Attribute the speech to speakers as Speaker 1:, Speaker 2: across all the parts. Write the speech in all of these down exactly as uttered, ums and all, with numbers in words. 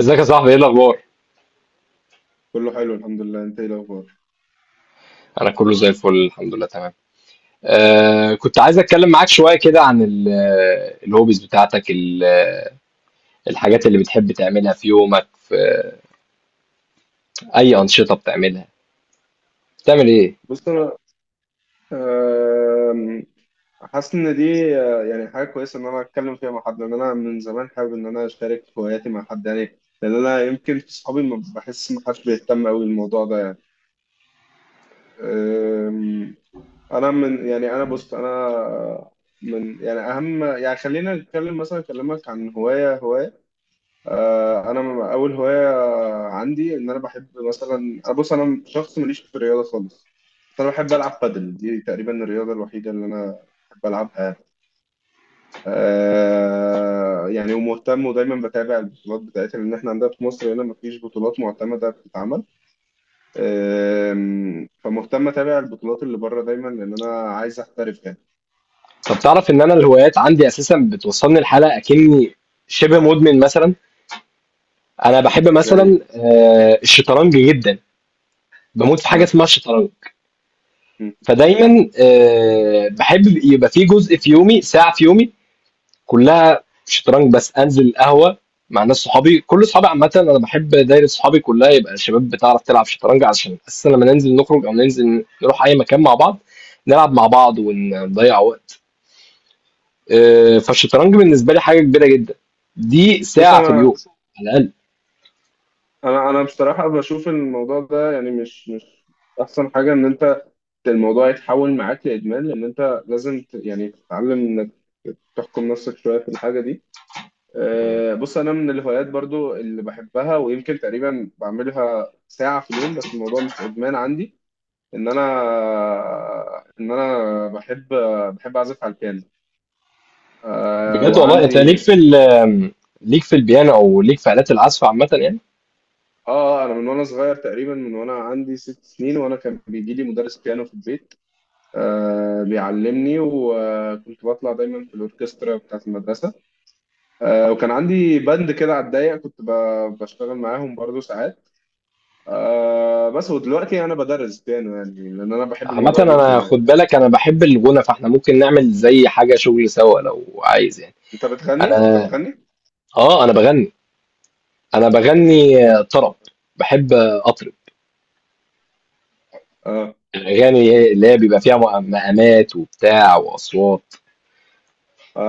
Speaker 1: ازيك يا صاحبي، ايه الاخبار؟
Speaker 2: كله حلو الحمد لله. انت ايه الاخبار؟
Speaker 1: انا كله زي الفل، الحمد لله، تمام. آه كنت عايز اتكلم معاك شويه كده عن ال- الهوبيز بتاعتك، ال- آه، الحاجات اللي بتحب تعملها في يومك، في اي انشطه بتعملها، بتعمل ايه؟
Speaker 2: بص انا آم، حاسس ان دي آه، يعني حاجه كويسه ان انا اتكلم فيها مع حد، لان انا من زمان حابب ان انا اشارك هواياتي مع حد يعني، لان انا يمكن في صحابي ما بحس ما حدش بيهتم قوي بالموضوع ده يعني. آم، انا من يعني انا بص انا من يعني اهم يعني خلينا نتكلم مثلا. اكلمك عن هوايه هوايه. آه، انا م- اول هوايه عندي ان انا بحب مثلا. أنا بص انا شخص ماليش في الرياضه خالص، بس انا بحب العب بادل، دي تقريبا الرياضه الوحيده اللي انا بحب العبها. آه، يعني ومهتم ودايما بتابع البطولات بتاعتها، لان احنا عندنا في مصر هنا مفيش بطولات معتمده بتتعمل. آم، فمهتم اتابع البطولات اللي بره دايما، لان انا عايز احترف يعني.
Speaker 1: طب تعرف ان انا الهوايات عندي اساسا بتوصلني لحاله اكني شبه مدمن مثلا. انا بحب
Speaker 2: زي
Speaker 1: مثلا آه الشطرنج جدا، بموت في حاجه
Speaker 2: آه.
Speaker 1: اسمها الشطرنج.
Speaker 2: م.
Speaker 1: فدايما آه بحب يبقى في جزء في يومي، ساعه في يومي كلها شطرنج، بس انزل القهوه مع ناس صحابي، كل صحابي. عامه انا بحب دايره صحابي كلها يبقى شباب بتعرف تلعب شطرنج، عشان اساسا لما ننزل نخرج او ننزل نروح اي مكان مع بعض نلعب مع بعض ونضيع وقت. آه، فالشطرنج بالنسبه لي حاجه كبيره جدا، دي
Speaker 2: بص
Speaker 1: ساعه في
Speaker 2: انا
Speaker 1: اليوم على الاقل.
Speaker 2: انا انا بصراحه بشوف الموضوع ده يعني، مش مش احسن حاجه ان انت الموضوع يتحول معاك لادمان، لان انت لازم ت- يعني تتعلم انك تحكم نفسك شويه في الحاجه دي. آه، بص انا من الهوايات برضو اللي بحبها، ويمكن تقريبا بعملها ساعه في اليوم، بس الموضوع مش ادمان عندي. ان انا ان انا بحب بحب اعزف على البيانو. آه،
Speaker 1: بجد والله، انت ليك
Speaker 2: وعندي
Speaker 1: في ال- ليك في البيانو، او ليك في الات العزف عامه يعني؟
Speaker 2: اه. آه، انا من وانا صغير تقريبا، من وانا عندي ست سنين وانا كان بيجي لي مدرس بيانو في البيت، آه، بيعلمني، وكنت بطلع دايما في الاوركسترا بتاعت المدرسه. آه، وكان عندي باند كده على الضيق، كنت ب- بشتغل معاهم برضو ساعات. آه، بس ودلوقتي انا بدرس بيانو يعني، لان انا بحب
Speaker 1: عامة
Speaker 2: الموضوع جدا
Speaker 1: أنا خد
Speaker 2: يعني.
Speaker 1: بالك، أنا بحب الغنى، فإحنا ممكن نعمل زي حاجة شغل سوا لو عايز يعني.
Speaker 2: انت بتغني؟ انت
Speaker 1: أنا،
Speaker 2: بتغني؟
Speaker 1: آه أنا بغني، انا بغني طرب، بحب اطرب
Speaker 2: اه،
Speaker 1: الاغاني اللي هي بيبقى فيها مع- مقامات وبتاع واصوات.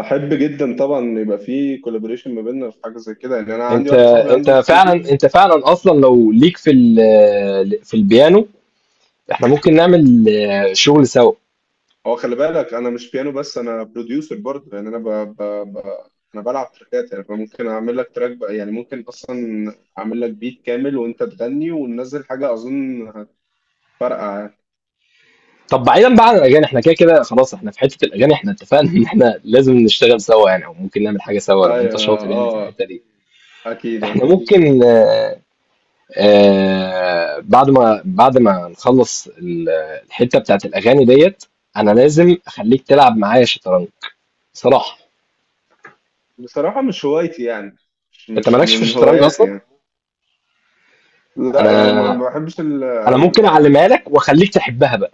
Speaker 2: احب جدا طبعا. يبقى في كولابوريشن ما بيننا في حاجه زي كده يعني، انا عندي
Speaker 1: انت
Speaker 2: واحد صاحبي
Speaker 1: انت
Speaker 2: عنده
Speaker 1: فعلا
Speaker 2: استوديو.
Speaker 1: انت فعلا اصلا لو ليك في ال- في البيانو، احنا ممكن نعمل آه، شغل سوا.
Speaker 2: هو خلي بالك انا مش بيانو بس، انا بروديوسر برضه يعني. انا ب... ب... ب... انا بلعب تراكات يعني، فممكن اعمل لك تراك بقى يعني، ممكن اصلا اعمل لك بيت كامل وانت تغني وننزل حاجه اظن هتفرقع يعني.
Speaker 1: طب بعيدا بقى عن الاغاني، احنا كده كده خلاص، احنا في حته الاغاني، احنا اتفقنا ان احنا لازم نشتغل سوا يعني، او ممكن نعمل حاجه سوا لو انت
Speaker 2: ايوه،
Speaker 1: شاطر يعني في
Speaker 2: اه،
Speaker 1: الحته دي.
Speaker 2: اكيد.
Speaker 1: احنا ممكن، آآ بعد ما بعد ما نخلّص ال الحتّة بتاعة الأغاني ديّة، أنا لازم أخلّيك تلعب معايا شطرنج، بصراحة.
Speaker 2: بصراحه مش هوايتي يعني، مش
Speaker 1: أنت ما
Speaker 2: مش
Speaker 1: لكش في
Speaker 2: من
Speaker 1: الشطرنج
Speaker 2: هواياتي
Speaker 1: أصلًا؟
Speaker 2: يعني. لا يعني ما
Speaker 1: أنا
Speaker 2: ما بحبش ال
Speaker 1: أنا
Speaker 2: ال-
Speaker 1: ممكن أعلّمها لك وأخلّيك تحبّها بقى.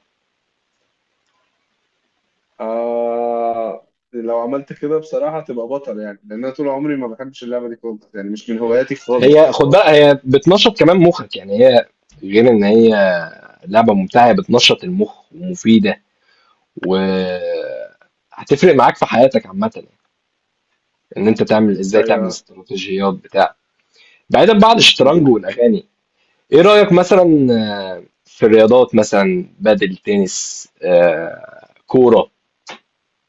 Speaker 2: آه. لو عملت كده بصراحه تبقى بطل يعني، لان انا طول عمري ما بحبش اللعبه دي خالص يعني، مش من هواياتي
Speaker 1: هي
Speaker 2: خالص.
Speaker 1: خُد بالك، هي بتنشّط كمان مُخّك، يعني هي، غير إن هي لعبة ممتعة، هي بتنشّط المُخ ومفيدة، و هتفرق معاك في حياتك عامةً، إن أنت تعمل إزاي تعمل
Speaker 2: ايوه.
Speaker 1: استراتيجيات بتاع. بعيدًا بقى عن
Speaker 2: م.
Speaker 1: الشطرنج والأغاني يعني. ايه رأيك مثلا آه، في الرياضات، مثلا بدل تنس آه، كورة؟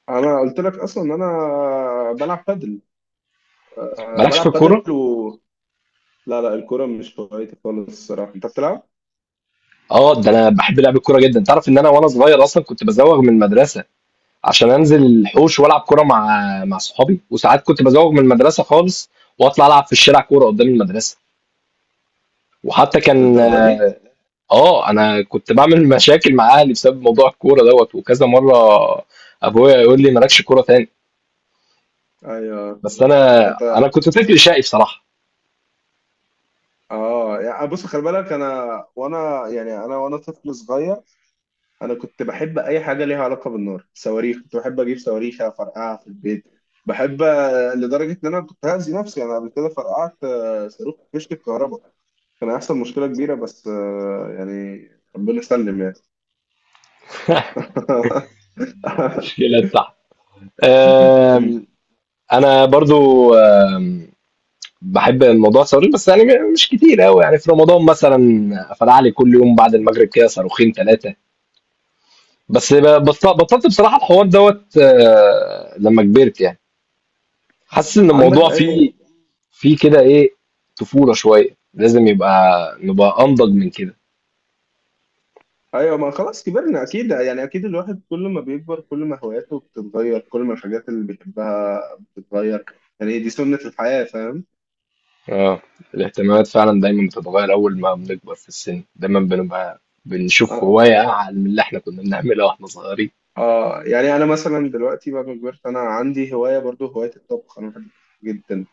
Speaker 2: انا قلت لك اصلا ان انا بلعب بادل. آه،
Speaker 1: مالكش في
Speaker 2: بلعب
Speaker 1: الكورة؟
Speaker 2: بادل و... لا لا، الكوره مش هوايتي خالص الصراحه. انت بتلعب
Speaker 1: اه، ده انا بحب لعب الكورة جدا. تعرف ان انا وانا صغير اصلا كنت بزوغ من المدرسة عشان انزل الحوش والعب كورة مع، مع صحابي، وساعات كنت بزوغ من المدرسة خالص واطلع العب في الشارع كورة قدام المدرسة. وحتى كان،
Speaker 2: للدرجه دي؟
Speaker 1: اه انا كنت بعمل مشاكل مع اهلي بسبب موضوع الكورة دوت، وكذا مرة ابويا يقول لي مالكش كورة تاني.
Speaker 2: ايوه.
Speaker 1: بس انا
Speaker 2: انت
Speaker 1: انا كنت طفل شقي بصراحة.
Speaker 2: اه. يعني بص خلي بالك انا، وانا يعني انا وانا طفل صغير، انا كنت بحب اي حاجه ليها علاقه بالنار. صواريخ كنت بحب اجيب صواريخ افرقعها في البيت. بحب آه، لدرجه ان انا كنت هأذي نفسي. انا قبل كده فرقعت آه، صاروخ في فيشه الكهرباء، كان هيحصل مشكله كبيره، بس آه، يعني ربنا سلم يعني.
Speaker 1: في البتاع. آم، انا برضو آم، بحب الموضوع الصاروخ، بس يعني م- مش كتير قوي، يعني في رمضان مثلا فلع لي كل يوم بعد المغرب كده صاروخين ثلاثه. بس ب- بط- بطلت بصراحه الحوار دوت، آه، لما كبرت يعني. حاسس ان
Speaker 2: عندك
Speaker 1: الموضوع
Speaker 2: اي...
Speaker 1: فيه، فيه كده ايه، طفوله شويه، لازم يبقى نبقى انضج من كده.
Speaker 2: ايوه. ما خلاص كبرنا اكيد يعني. اكيد الواحد كل ما بيكبر كل ما هواياته بتتغير، كل ما الحاجات اللي بيحبها بتتغير، يعني دي سنة الحياة، فاهم.
Speaker 1: اه، الاهتمامات فعلا دايما بتتغير، اول ما بنكبر في السن دايما بنبقى بنشوف
Speaker 2: اه.
Speaker 1: هوايه اعلى من اللي احنا كنا بنعملها واحنا صغيرين.
Speaker 2: آه، يعني انا مثلا دلوقتي بعد ما كبرت، انا عندي هواية برضو، هواية الطبخ. انا بحب جدا.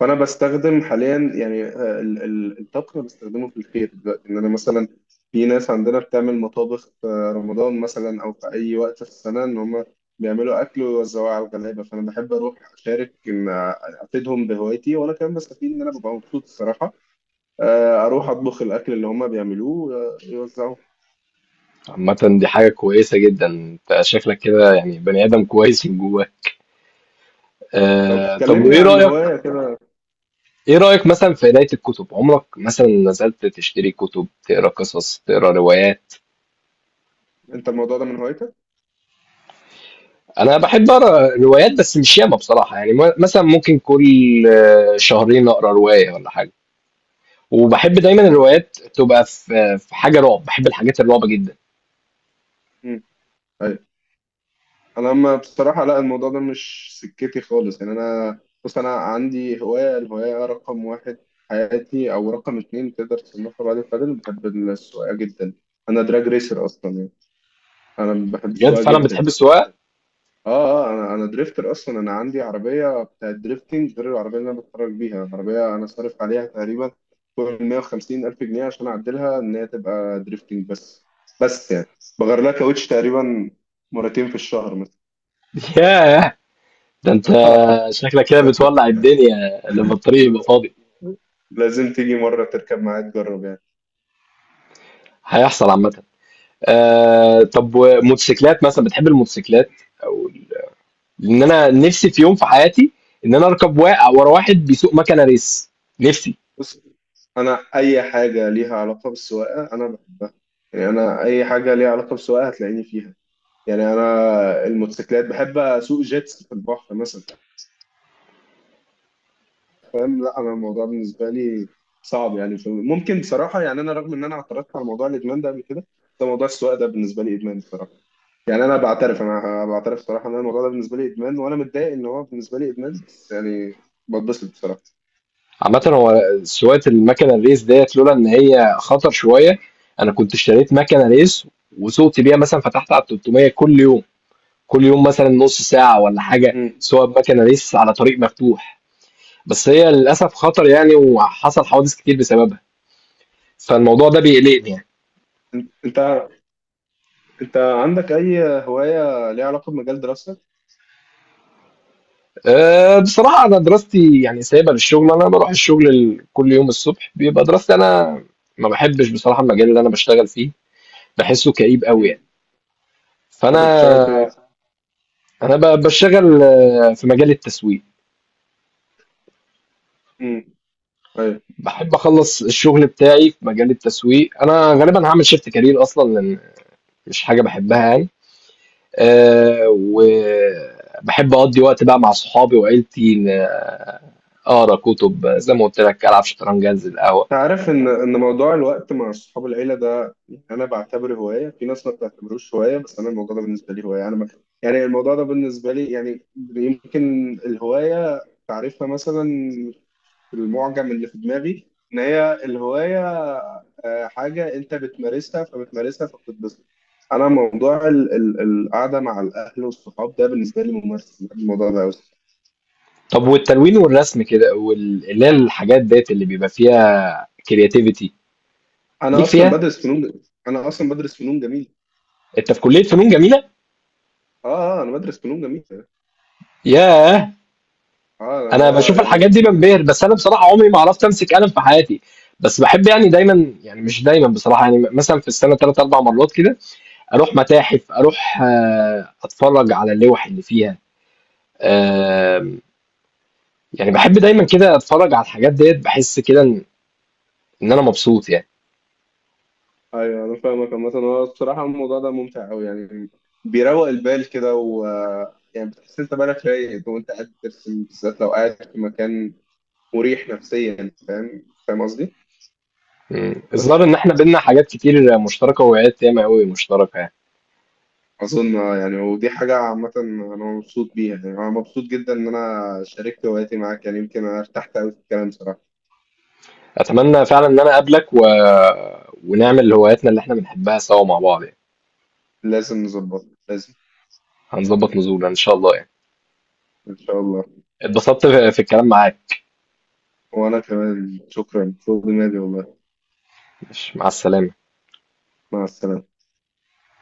Speaker 2: فانا بستخدم حاليا يعني آه، ال- ال- الطبخ. أنا بستخدمه في الخير دلوقتي، ان انا مثلا في ناس عندنا بتعمل مطابخ في رمضان مثلا، او في اي وقت في السنه، ان هم بيعملوا اكل ويوزعوه على الغلابه. فانا بحب اروح اشارك، ان افيدهم بهوايتي، وانا كمان بستفيد ان انا ببقى مبسوط الصراحه. آه، اروح اطبخ الاكل اللي هم بيعملوه آه، يوزعوه.
Speaker 1: عامة دي حاجة كويسة جدا، انت شكلك كده يعني بني آدم كويس من جواه.
Speaker 2: طب
Speaker 1: آه طب،
Speaker 2: كلمني
Speaker 1: وإيه
Speaker 2: عن
Speaker 1: رأيك
Speaker 2: هوايه كده.
Speaker 1: إيه رأيك مثلا في قراية الكتب؟ عمرك مثلا نزلت تشتري كتب، تقرا قصص، تقرا روايات؟
Speaker 2: انت الموضوع ده من هوايتك؟
Speaker 1: أنا بحب أقرا روايات بس مش ياما بصراحة، يعني م- مثلا ممكن كل آه، شهرين أقرا رواية ولا حاجة. وبحب دايما
Speaker 2: اه.
Speaker 1: الروايات تبقى في، في حاجة رعب، بحب الحاجات الرعب جدا.
Speaker 2: امم انا ما بصراحه لا، الموضوع ده مش سكتي خالص يعني. انا بص انا عندي هوايه، الهوايه رقم واحد في حياتي، او رقم اتنين تقدر تصنفها بعد البادل، بحب السواقه جدا. انا دراج ريسر اصلا يعني، انا بحب
Speaker 1: بجد
Speaker 2: السواقه
Speaker 1: فعلا
Speaker 2: جدا.
Speaker 1: بتحب السواقة؟
Speaker 2: اه. اه، انا انا دريفتر اصلا. انا عندي عربيه بتاعت دريفتنج غير العربيه اللي انا بتفرج بيها. عربيه انا صارف عليها تقريبا فوق ال 150 الف جنيه عشان اعدلها ان هي تبقى دريفتنج بس. بس يعني بغير لها كاوتش تقريبا مرتين في الشهر مثلا.
Speaker 1: ياه، ده انت شكلك كده بتولع الدنيا لما الطريق يبقى فاضي.
Speaker 2: لازم تيجي مرة تركب معايا تجرب يعني.
Speaker 1: هيحصل عامة. آه طب، وموتوسيكلات مثلا؟ بتحب الموتوسيكلات، او ال- لان انا نفسي في يوم في حياتي ان انا اركب وا- ورا واحد بيسوق مكنه ريس، نفسي.
Speaker 2: بص، أنا أي حاجة ليها علاقة بالسواقة أنا بحبها يعني. أنا أي حاجة ليها علاقة بالسواقة هتلاقيني فيها يعني. أنا الموتوسيكلات بحب. أسوق جيتس في البحر مثلا، فاهم. لا أنا الموضوع بالنسبة لي صعب يعني. ف- ممكن بصراحة يعني، أنا رغم إن أنا اعترضت على موضوع الإدمان ده قبل كده، ده موضوع السواقة ده بالنسبة لي إدمان بصراحة يعني. أنا بعترف أنا بعترف بصراحة إن أنا الموضوع ده بالنسبة لي إدمان، وأنا متضايق إن هو بالنسبة لي إدمان، بس يعني بتبسط بصراحة.
Speaker 1: عامه هو سواقه المكنه الريس ديت لولا ان هي خطر شويه، انا كنت اشتريت مكنه ريس وسوقت بيها، مثلا فتحت على تلت ميه كل يوم، كل يوم مثلا نص ساعه ولا حاجه، سواء بمكنه ريس على طريق مفتوح. بس هي للاسف خطر يعني، وحصل حوادث كتير بسببها، فالموضوع ده بيقلقني يعني.
Speaker 2: انت انت انت عندك اي هوايه ليها علاقه بمجال دراستك؟
Speaker 1: آآ، بصراحة أنا دراستي يعني سايبها للشغل، أنا باروح الشغل ال كل يوم الصبح بيبقى دراستي، أنا ما باحبش بصراحة المجال اللي أنا باشتغل فيه، باحسه كئيب أوي
Speaker 2: امم
Speaker 1: يعني،
Speaker 2: انت
Speaker 1: فأنا
Speaker 2: بتشتغل في ايه؟
Speaker 1: أنا ب باشتغل في مجال التسويق،
Speaker 2: امم طيب.
Speaker 1: باحب أخلّص الشغل بتاعي في مجال التسويق. أنا غالبًا هاعمل shift career أصلًا، لإن مش حاجة باحبها يعني. آآ، وباحب أقضّي وقت بقى مع صحابي وعيلتي، ن آه، أقرا كُتب زي ما قُلت لك، ألعب شطرنج، أنزل القهوة.
Speaker 2: انت عارف ان ان موضوع الوقت مع اصحاب العيله ده، يعني انا بعتبره هوايه. في ناس ما بتعتبروش هوايه، بس انا الموضوع ده بالنسبه لي هوايه. انا ما... يعني الموضوع ده بالنسبه لي يعني، يمكن الهوايه تعريفها مثلا، المعجم اللي في دماغي ان هي الهوايه آه، حاجه انت بتمارسها فبتمارسها فبتتبسط. انا موضوع ال- ال- القعده مع الاهل والصحاب ده بالنسبه لي ممارس، بحب الموضوع ده قوي.
Speaker 1: طب والتلوين والرسم كده وال- اللي هي الحاجات ديت اللي بيبقى فيها كرياتيفيتي،
Speaker 2: انا
Speaker 1: ليك
Speaker 2: اصلا
Speaker 1: فيها؟
Speaker 2: بدرس فنون انا اصلا بدرس فنون جميل.
Speaker 1: انت في كلية فنون جميلة؟
Speaker 2: اه. آه، انا بدرس فنون جميل.
Speaker 1: ياه.
Speaker 2: اه، لان
Speaker 1: انا
Speaker 2: هو
Speaker 1: بشوف الحاجات
Speaker 2: يعني...
Speaker 1: دي بنبهر، بس انا بصراحة عمري ما عرفت امسك قلم في حياتي. بس بحب يعني دايما، يعني مش دايما بصراحة يعني، مثلا في السنة ثلاث اربع مرات كده اروح متاحف، اروح آه، اتفرج على اللوح اللي فيها. آه، يعني بحب دايما كده اتفرج على الحاجات ديت، بحس كده ان، إن انا مبسوط يعني.
Speaker 2: ايوه انا فاهمك. مثلا هو بصراحه الموضوع ده ممتع قوي يعني، بيروق البال كده، و يعني بتحس انت بالك رايق وانت قاعد بترسم، بالذات لو قاعد في مكان مريح نفسيا، فاهم فاهم قصدي؟
Speaker 1: مم. الظاهر
Speaker 2: بس
Speaker 1: ان احنا بينا حاجات كتير مشتركة وهوايات ياما قوي مشتركة يعني.
Speaker 2: اظن آه، يعني ودي حاجه عامه انا مبسوط بيها يعني. انا مبسوط جدا ان انا شاركت هواياتي معاك يعني، يمكن انا ارتحت قوي في الكلام صراحه.
Speaker 1: اتمنى فعلا ان انا اقابلك، و... ونعمل هواياتنا اللي احنا بنحبها سوا مع بعض يعني.
Speaker 2: لازم نظبط، لازم.
Speaker 1: هنظبط نزولنا ان شاء الله يعني.
Speaker 2: ان شاء الله.
Speaker 1: اتبسطت في، في الكلام معاك.
Speaker 2: وانا كمان، شكرا فوق دماغي والله.
Speaker 1: مش مع السلامة.
Speaker 2: مع السلامه.